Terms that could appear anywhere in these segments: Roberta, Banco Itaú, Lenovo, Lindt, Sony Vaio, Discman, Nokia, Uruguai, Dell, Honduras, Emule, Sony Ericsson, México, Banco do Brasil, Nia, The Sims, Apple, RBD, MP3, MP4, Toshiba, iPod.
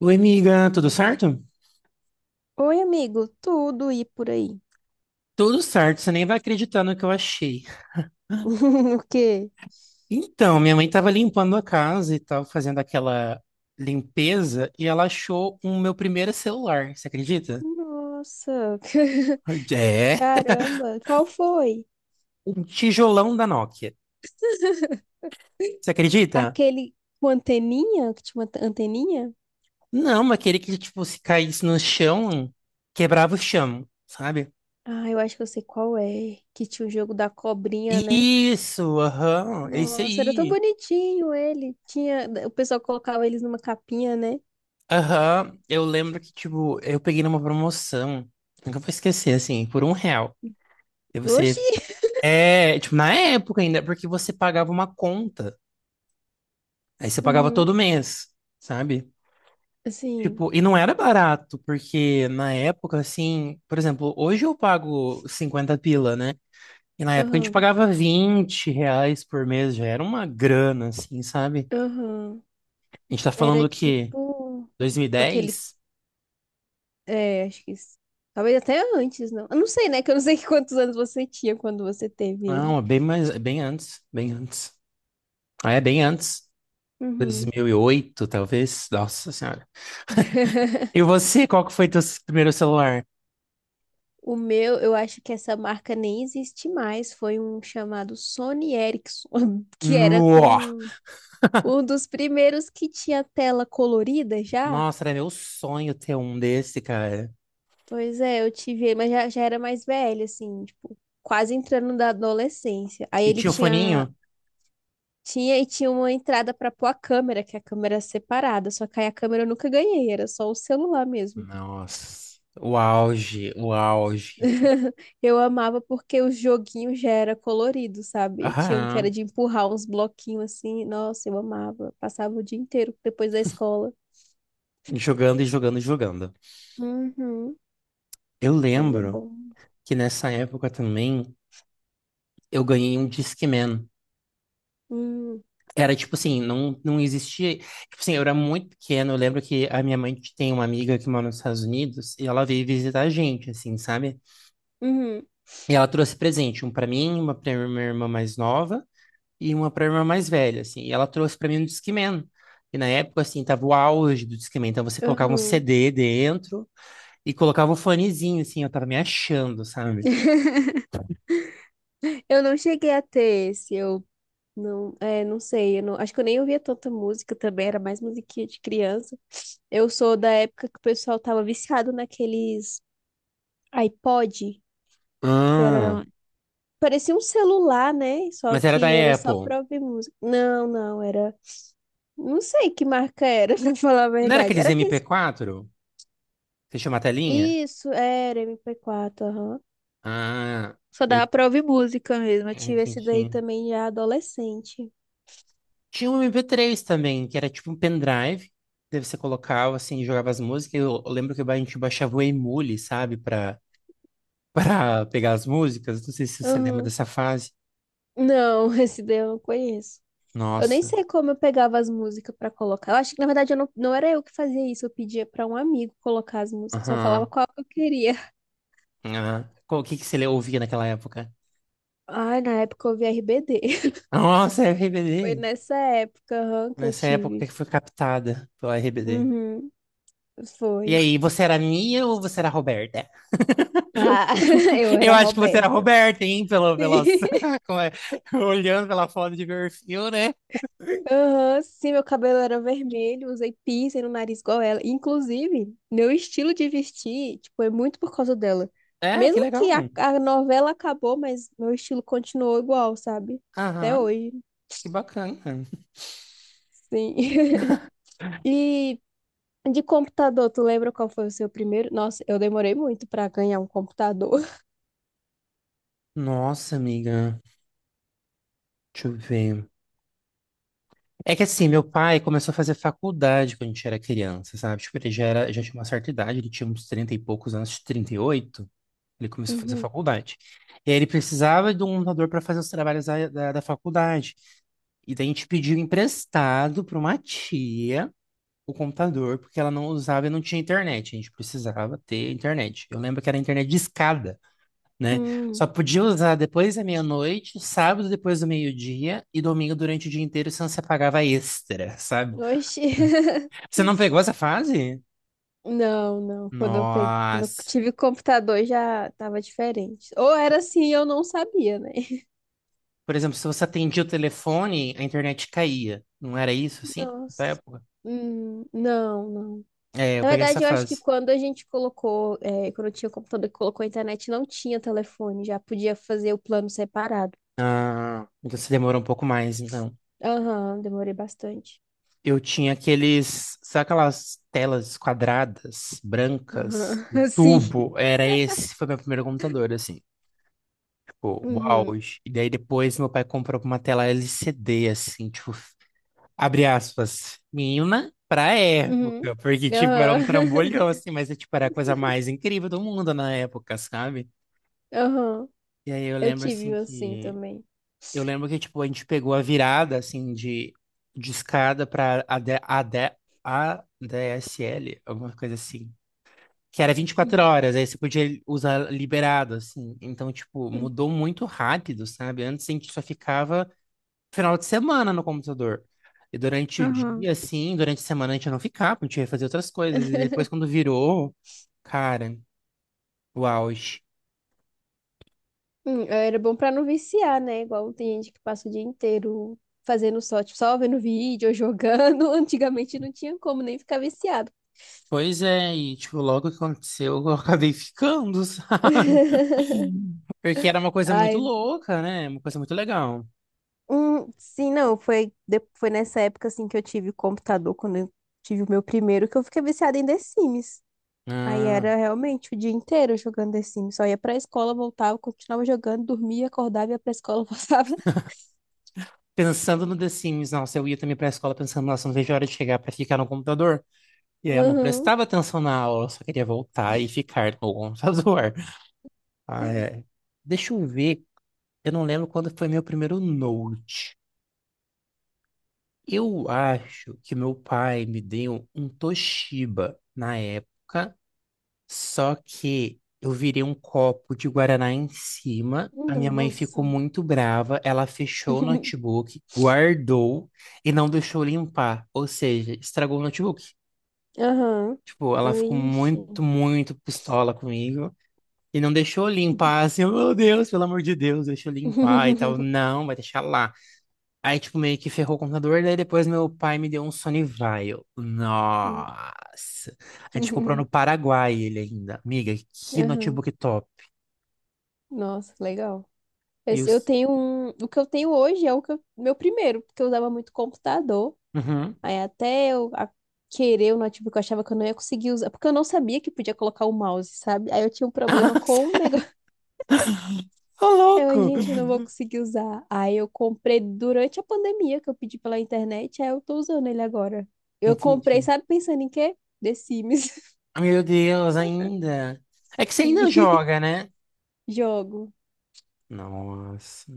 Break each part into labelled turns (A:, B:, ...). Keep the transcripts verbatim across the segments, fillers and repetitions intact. A: Oi, amiga, tudo certo?
B: Oi, amigo, tudo e por aí?
A: Tudo certo, você nem vai acreditar no que eu achei.
B: O quê?
A: Então, minha mãe estava limpando a casa e tal, fazendo aquela limpeza, e ela achou o meu primeiro celular, você acredita?
B: Nossa,
A: É,
B: caramba, qual foi?
A: um tijolão da Nokia. Você acredita?
B: Aquele com anteninha, que tinha uma ante- anteninha?
A: Não, mas aquele que, tipo, se caísse no chão, quebrava o chão, sabe?
B: Ah, eu acho que eu sei qual é, que tinha o jogo da cobrinha, né?
A: Isso, aham, é isso
B: Nossa, era tão
A: aí.
B: bonitinho ele. Tinha, o pessoal colocava eles numa capinha, né?
A: Aham, eu lembro que, tipo, eu peguei numa promoção, nunca vou esquecer, assim, por um real. E você
B: Oxi!
A: É, tipo, na época ainda, porque você pagava uma conta. Aí você pagava
B: Uhum,
A: todo mês, sabe?
B: assim,
A: Tipo, e não era barato, porque na época, assim, por exemplo, hoje eu pago cinquenta pila, né? E na época a gente
B: aham,
A: pagava vinte reais por mês, já era uma grana, assim, sabe?
B: aham.
A: A gente tá
B: Era
A: falando o quê?
B: tipo aquele.
A: dois mil e dez?
B: É, acho que isso. Talvez até antes, não. Eu não sei, né? Que eu não sei quantos anos você tinha quando você teve
A: Não,
B: ele.
A: é bem mais, é bem antes, bem antes. Ah, é bem antes.
B: Uhum.
A: dois mil e oito, talvez. Nossa Senhora. E você, qual que foi teu primeiro celular?
B: O meu, eu acho que essa marca nem existe mais. Foi um chamado Sony Ericsson, que era
A: No.
B: com um dos primeiros que tinha tela colorida já.
A: Nossa, era meu sonho ter um desse, cara.
B: Pois é, eu tive ele, mas já, já era mais velho, assim, tipo, quase entrando da adolescência. Aí
A: E
B: ele
A: tinha o
B: tinha.
A: foninho?
B: Tinha e tinha uma entrada pra pôr a câmera, que a câmera é separada, só que aí a câmera eu nunca ganhei, era só o celular mesmo.
A: Nossa, o auge, o auge.
B: Eu amava porque o joguinho já era colorido, sabe? E tinha um que era
A: Aham.
B: de empurrar uns bloquinhos assim. Nossa, eu amava. Passava o dia inteiro depois da escola.
A: Jogando e jogando e jogando.
B: Uhum.
A: Eu
B: Mas era
A: lembro
B: bom.
A: que nessa época também eu ganhei um Discman.
B: Hum.
A: Era tipo assim, não, não existia. Tipo assim, eu era muito pequeno. Eu lembro que a minha mãe tem uma amiga que mora nos Estados Unidos e ela veio visitar a gente, assim, sabe?
B: Uhum.
A: E ela trouxe presente, um pra mim, uma pra minha irmã mais nova e uma pra irmã mais velha, assim. E ela trouxe pra mim um Discman. E na época, assim, tava o auge do Discman. Então você colocava um
B: Uhum.
A: C D dentro e colocava um fonezinho, assim. Eu tava me achando, sabe?
B: Eu não cheguei a ter esse. Eu. Não, é, não sei, eu não- acho que eu nem ouvia tanta música também, era mais musiquinha de criança. Eu sou da época que o pessoal tava viciado naqueles iPod, que
A: Ah,
B: era, parecia um celular, né? Só
A: mas era da
B: que era só
A: Apple.
B: pra ouvir música. Não, não, era, não sei que marca era, pra falar a
A: Não era
B: verdade.
A: aqueles
B: Era aqueles,
A: M P quatro? Você chama a telinha?
B: isso, era M P quatro, aham.
A: Ah,
B: Só
A: eu
B: dava pra ouvir música mesmo, eu
A: ah,
B: tive esse daí
A: entendi.
B: também já adolescente.
A: Tinha um M P três também, que era tipo um pendrive. Daí você colocava, assim, jogava as músicas. Eu, eu lembro que a gente baixava o Emule, sabe? Pra, pra pegar as músicas. Não sei se você lembra
B: Aham.
A: dessa fase.
B: Não, esse daí eu não conheço. Eu nem
A: Nossa.
B: sei como eu pegava as músicas pra colocar. Eu acho que, na verdade, eu não, não era eu que fazia isso. Eu pedia pra um amigo colocar as músicas. Só falava
A: Aham.
B: qual que eu queria.
A: Aham. Qual- O que que você ouvia naquela época?
B: Ai, na época eu ouvia R B D.
A: Nossa,
B: Foi
A: R B D.
B: nessa época, aham, que eu
A: Nessa época
B: tive.
A: que foi captada pelo R B D.
B: Uhum,
A: E
B: foi.
A: aí, você era a Nia ou você era a Roberta?
B: Ah, eu era
A: Eu
B: a
A: acho que você era a
B: Roberta.
A: Roberta, hein? Pelo, pelas,
B: Sim.
A: como é? Olhando pela foto de perfil, né?
B: Aham, sim, meu cabelo era vermelho, usei piercing no nariz igual ela. Inclusive, meu estilo de vestir, tipo, é muito por causa dela.
A: É, que
B: Mesmo
A: legal.
B: que a, a novela acabou, mas meu estilo continuou igual, sabe? Até
A: Aham,
B: hoje,
A: que bacana.
B: sim. E de computador, tu lembra qual foi o seu primeiro? Nossa, eu demorei muito pra ganhar um computador.
A: Nossa, amiga. Deixa eu ver. É que assim, meu pai começou a fazer faculdade quando a gente era criança, sabe? Tipo, ele já era, já tinha uma certa idade, ele tinha uns trinta e poucos anos, trinta e oito. Ele começou a fazer
B: Uhum.
A: faculdade. E aí ele precisava de um computador para fazer os trabalhos da, da, da faculdade. E daí a gente pediu emprestado para uma tia o computador, porque ela não usava e não tinha internet. A gente precisava ter internet. Eu lembro que era internet de escada, né? Só
B: Hum.
A: podia usar depois da meia-noite, sábado depois do meio-dia e domingo durante o dia inteiro, senão você pagava extra, sabe?
B: Oxi.
A: Você não pegou essa fase?
B: Não, não. Quando eu peguei, quando eu
A: Nossa.
B: tive computador já tava diferente. Ou era assim, eu não sabia, né?
A: Por exemplo, se você atendia o telefone, a internet caía. Não era isso, assim, da
B: Nossa.
A: época?
B: Hum, não, não.
A: É, eu
B: Na
A: peguei essa
B: verdade, eu acho que
A: fase.
B: quando a gente colocou, é, quando eu tinha o computador e colocou a internet, não tinha telefone, já podia fazer o plano separado.
A: Ah, então você demorou um pouco mais, então.
B: Aham, demorei bastante.
A: Eu tinha aqueles, sabe aquelas telas quadradas, brancas, de
B: Aham, sim.
A: tubo? Era esse, foi meu primeiro computador, assim. Tipo, uau.
B: Uhum,
A: E daí depois meu pai comprou uma tela L C D, assim, tipo, abre aspas, menina pra
B: uhum,
A: época, porque, tipo, era
B: aham,
A: um trambolhão, assim, mas, tipo, era a coisa mais incrível do mundo na época, sabe?
B: aham.
A: E aí eu
B: Eu
A: lembro
B: tive
A: assim
B: um assim
A: que
B: também.
A: eu lembro que tipo a gente pegou a virada assim de de escada para a AD, A D, A D S L, alguma coisa assim, que era vinte e quatro
B: Uhum,
A: horas, aí você podia usar liberado assim. Então, tipo,
B: uhum,
A: mudou muito rápido, sabe? Antes a gente só ficava final de semana no computador. E durante o
B: aham.
A: dia assim, durante a semana a gente não ficava, a gente ia fazer outras coisas. E depois quando virou, cara, o auge.
B: Hum, Era bom pra não viciar, né? Igual tem gente que passa o dia inteiro fazendo só, tipo, só vendo vídeo ou jogando. Antigamente não tinha como nem ficar viciado.
A: Pois é, e tipo, logo que aconteceu, eu acabei ficando, sabe? Porque era uma coisa muito
B: Ai,
A: louca, né? Uma coisa muito legal.
B: hum, sim, não, foi, de- foi nessa época assim que eu tive computador, quando eu tive o meu primeiro, que eu fiquei viciada em The Sims. Aí
A: Ah,
B: era realmente o dia inteiro jogando The Sims. Só ia pra escola, voltava, continuava jogando, dormia, acordava, ia pra escola, voltava.
A: pensando no The Sims, nossa, eu ia também pra escola pensando, nossa, não vejo a hora de chegar pra ficar no computador. E aí eu não
B: Uhum.
A: prestava atenção na aula, eu só queria voltar e ficar no computador. Ah, é. Deixa eu ver, eu não lembro quando foi meu primeiro Note. Eu acho que meu pai me deu um Toshiba na época. Só que eu virei um copo de guaraná em cima. A minha mãe ficou
B: Nossa.
A: muito brava. Ela fechou o notebook, guardou e não deixou limpar. Ou seja, estragou o notebook.
B: Aham.
A: Tipo, ela ficou
B: Vixe.
A: muito, muito pistola comigo. E não deixou limpar, assim, oh, meu Deus, pelo amor de Deus, deixa eu limpar e tal. Não, vai deixar lá. Aí, tipo, meio que ferrou o computador, daí depois meu pai me deu um Sony Vaio. Nossa! A gente comprou no Paraguai ele ainda. Amiga, que
B: Aham.
A: notebook top.
B: Nossa, legal. Esse, eu
A: Meus.
B: tenho um. O que eu tenho hoje é o que eu- meu primeiro, porque eu usava muito computador.
A: Uhum.
B: Aí até eu a- querer o notebook, eu achava que eu não ia conseguir usar, porque eu não sabia que podia colocar o mouse, sabe? Aí eu tinha um problema com o negócio.
A: Ô,
B: Eu,
A: louco!
B: gente, eu não vou conseguir usar. Aí eu comprei durante a pandemia, que eu pedi pela internet, aí eu tô usando ele agora. Eu comprei,
A: Entendi.
B: sabe, pensando em quê? The Sims.
A: Meu Deus, ainda. É que você ainda
B: Sim.
A: joga, né?
B: Jogo.
A: Nossa,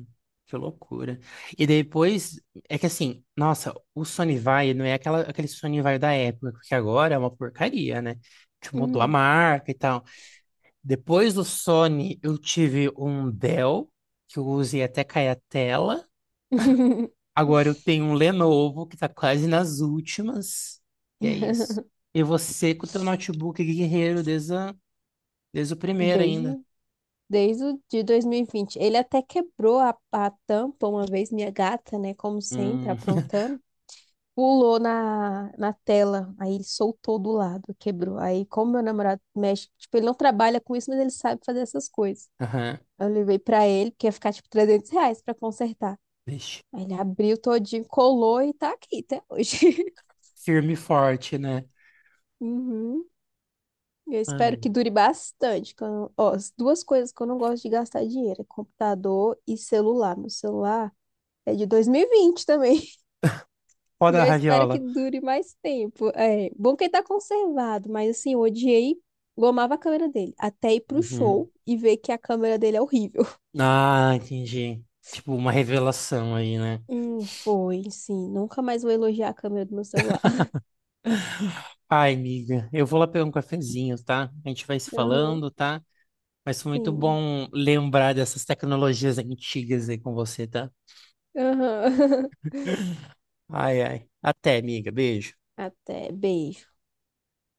A: que loucura. E depois, é que assim, nossa, o Sony Vai não é aquela, aquele Sony Vai da época, porque agora é uma porcaria, né? Que mudou a
B: Uhum.
A: marca e tal. Depois do Sony, eu tive um Dell, que eu usei até cair a tela. Agora eu tenho um Lenovo que tá quase nas últimas. E é isso. E você com o teu notebook guerreiro desde, a- desde o primeiro ainda.
B: Desde, desde o de dois mil e vinte. Ele até quebrou a, a tampa uma vez, minha gata, né? Como sempre,
A: Hum.
B: aprontando. Pulou na, na tela, aí ele soltou do lado, quebrou. Aí, como meu namorado mexe, tipo, ele não trabalha com isso, mas ele sabe fazer essas coisas.
A: Aham.
B: Eu levei pra ele, que ia ficar tipo trezentos reais pra consertar.
A: Vixe.
B: Aí ele abriu todinho, colou e tá aqui até hoje.
A: Firme e forte, né?
B: Uhum. Eu espero
A: Ai.
B: que dure bastante. Que eu não- Ó, as duas coisas que eu não gosto de gastar dinheiro é computador e celular. Meu celular é de dois mil e vinte também.
A: Foda
B: E
A: da
B: eu espero que
A: raviola.
B: dure mais tempo. É, bom que ele tá conservado, mas assim, eu odiei, eu amava a câmera dele, até ir pro
A: Uhum.
B: show e ver que a câmera dele é horrível.
A: Ah, entendi. Tipo, uma revelação aí, né?
B: Hum, foi, sim. Nunca mais vou elogiar a câmera do meu celular.
A: Ai, amiga, eu vou lá pegar um cafezinho, tá? A gente vai se
B: Aham,
A: falando, tá? Mas foi muito
B: sim.
A: bom lembrar dessas tecnologias antigas aí com você, tá?
B: Aham.
A: Ai, ai. Até, amiga. Beijo.
B: Até, beijo.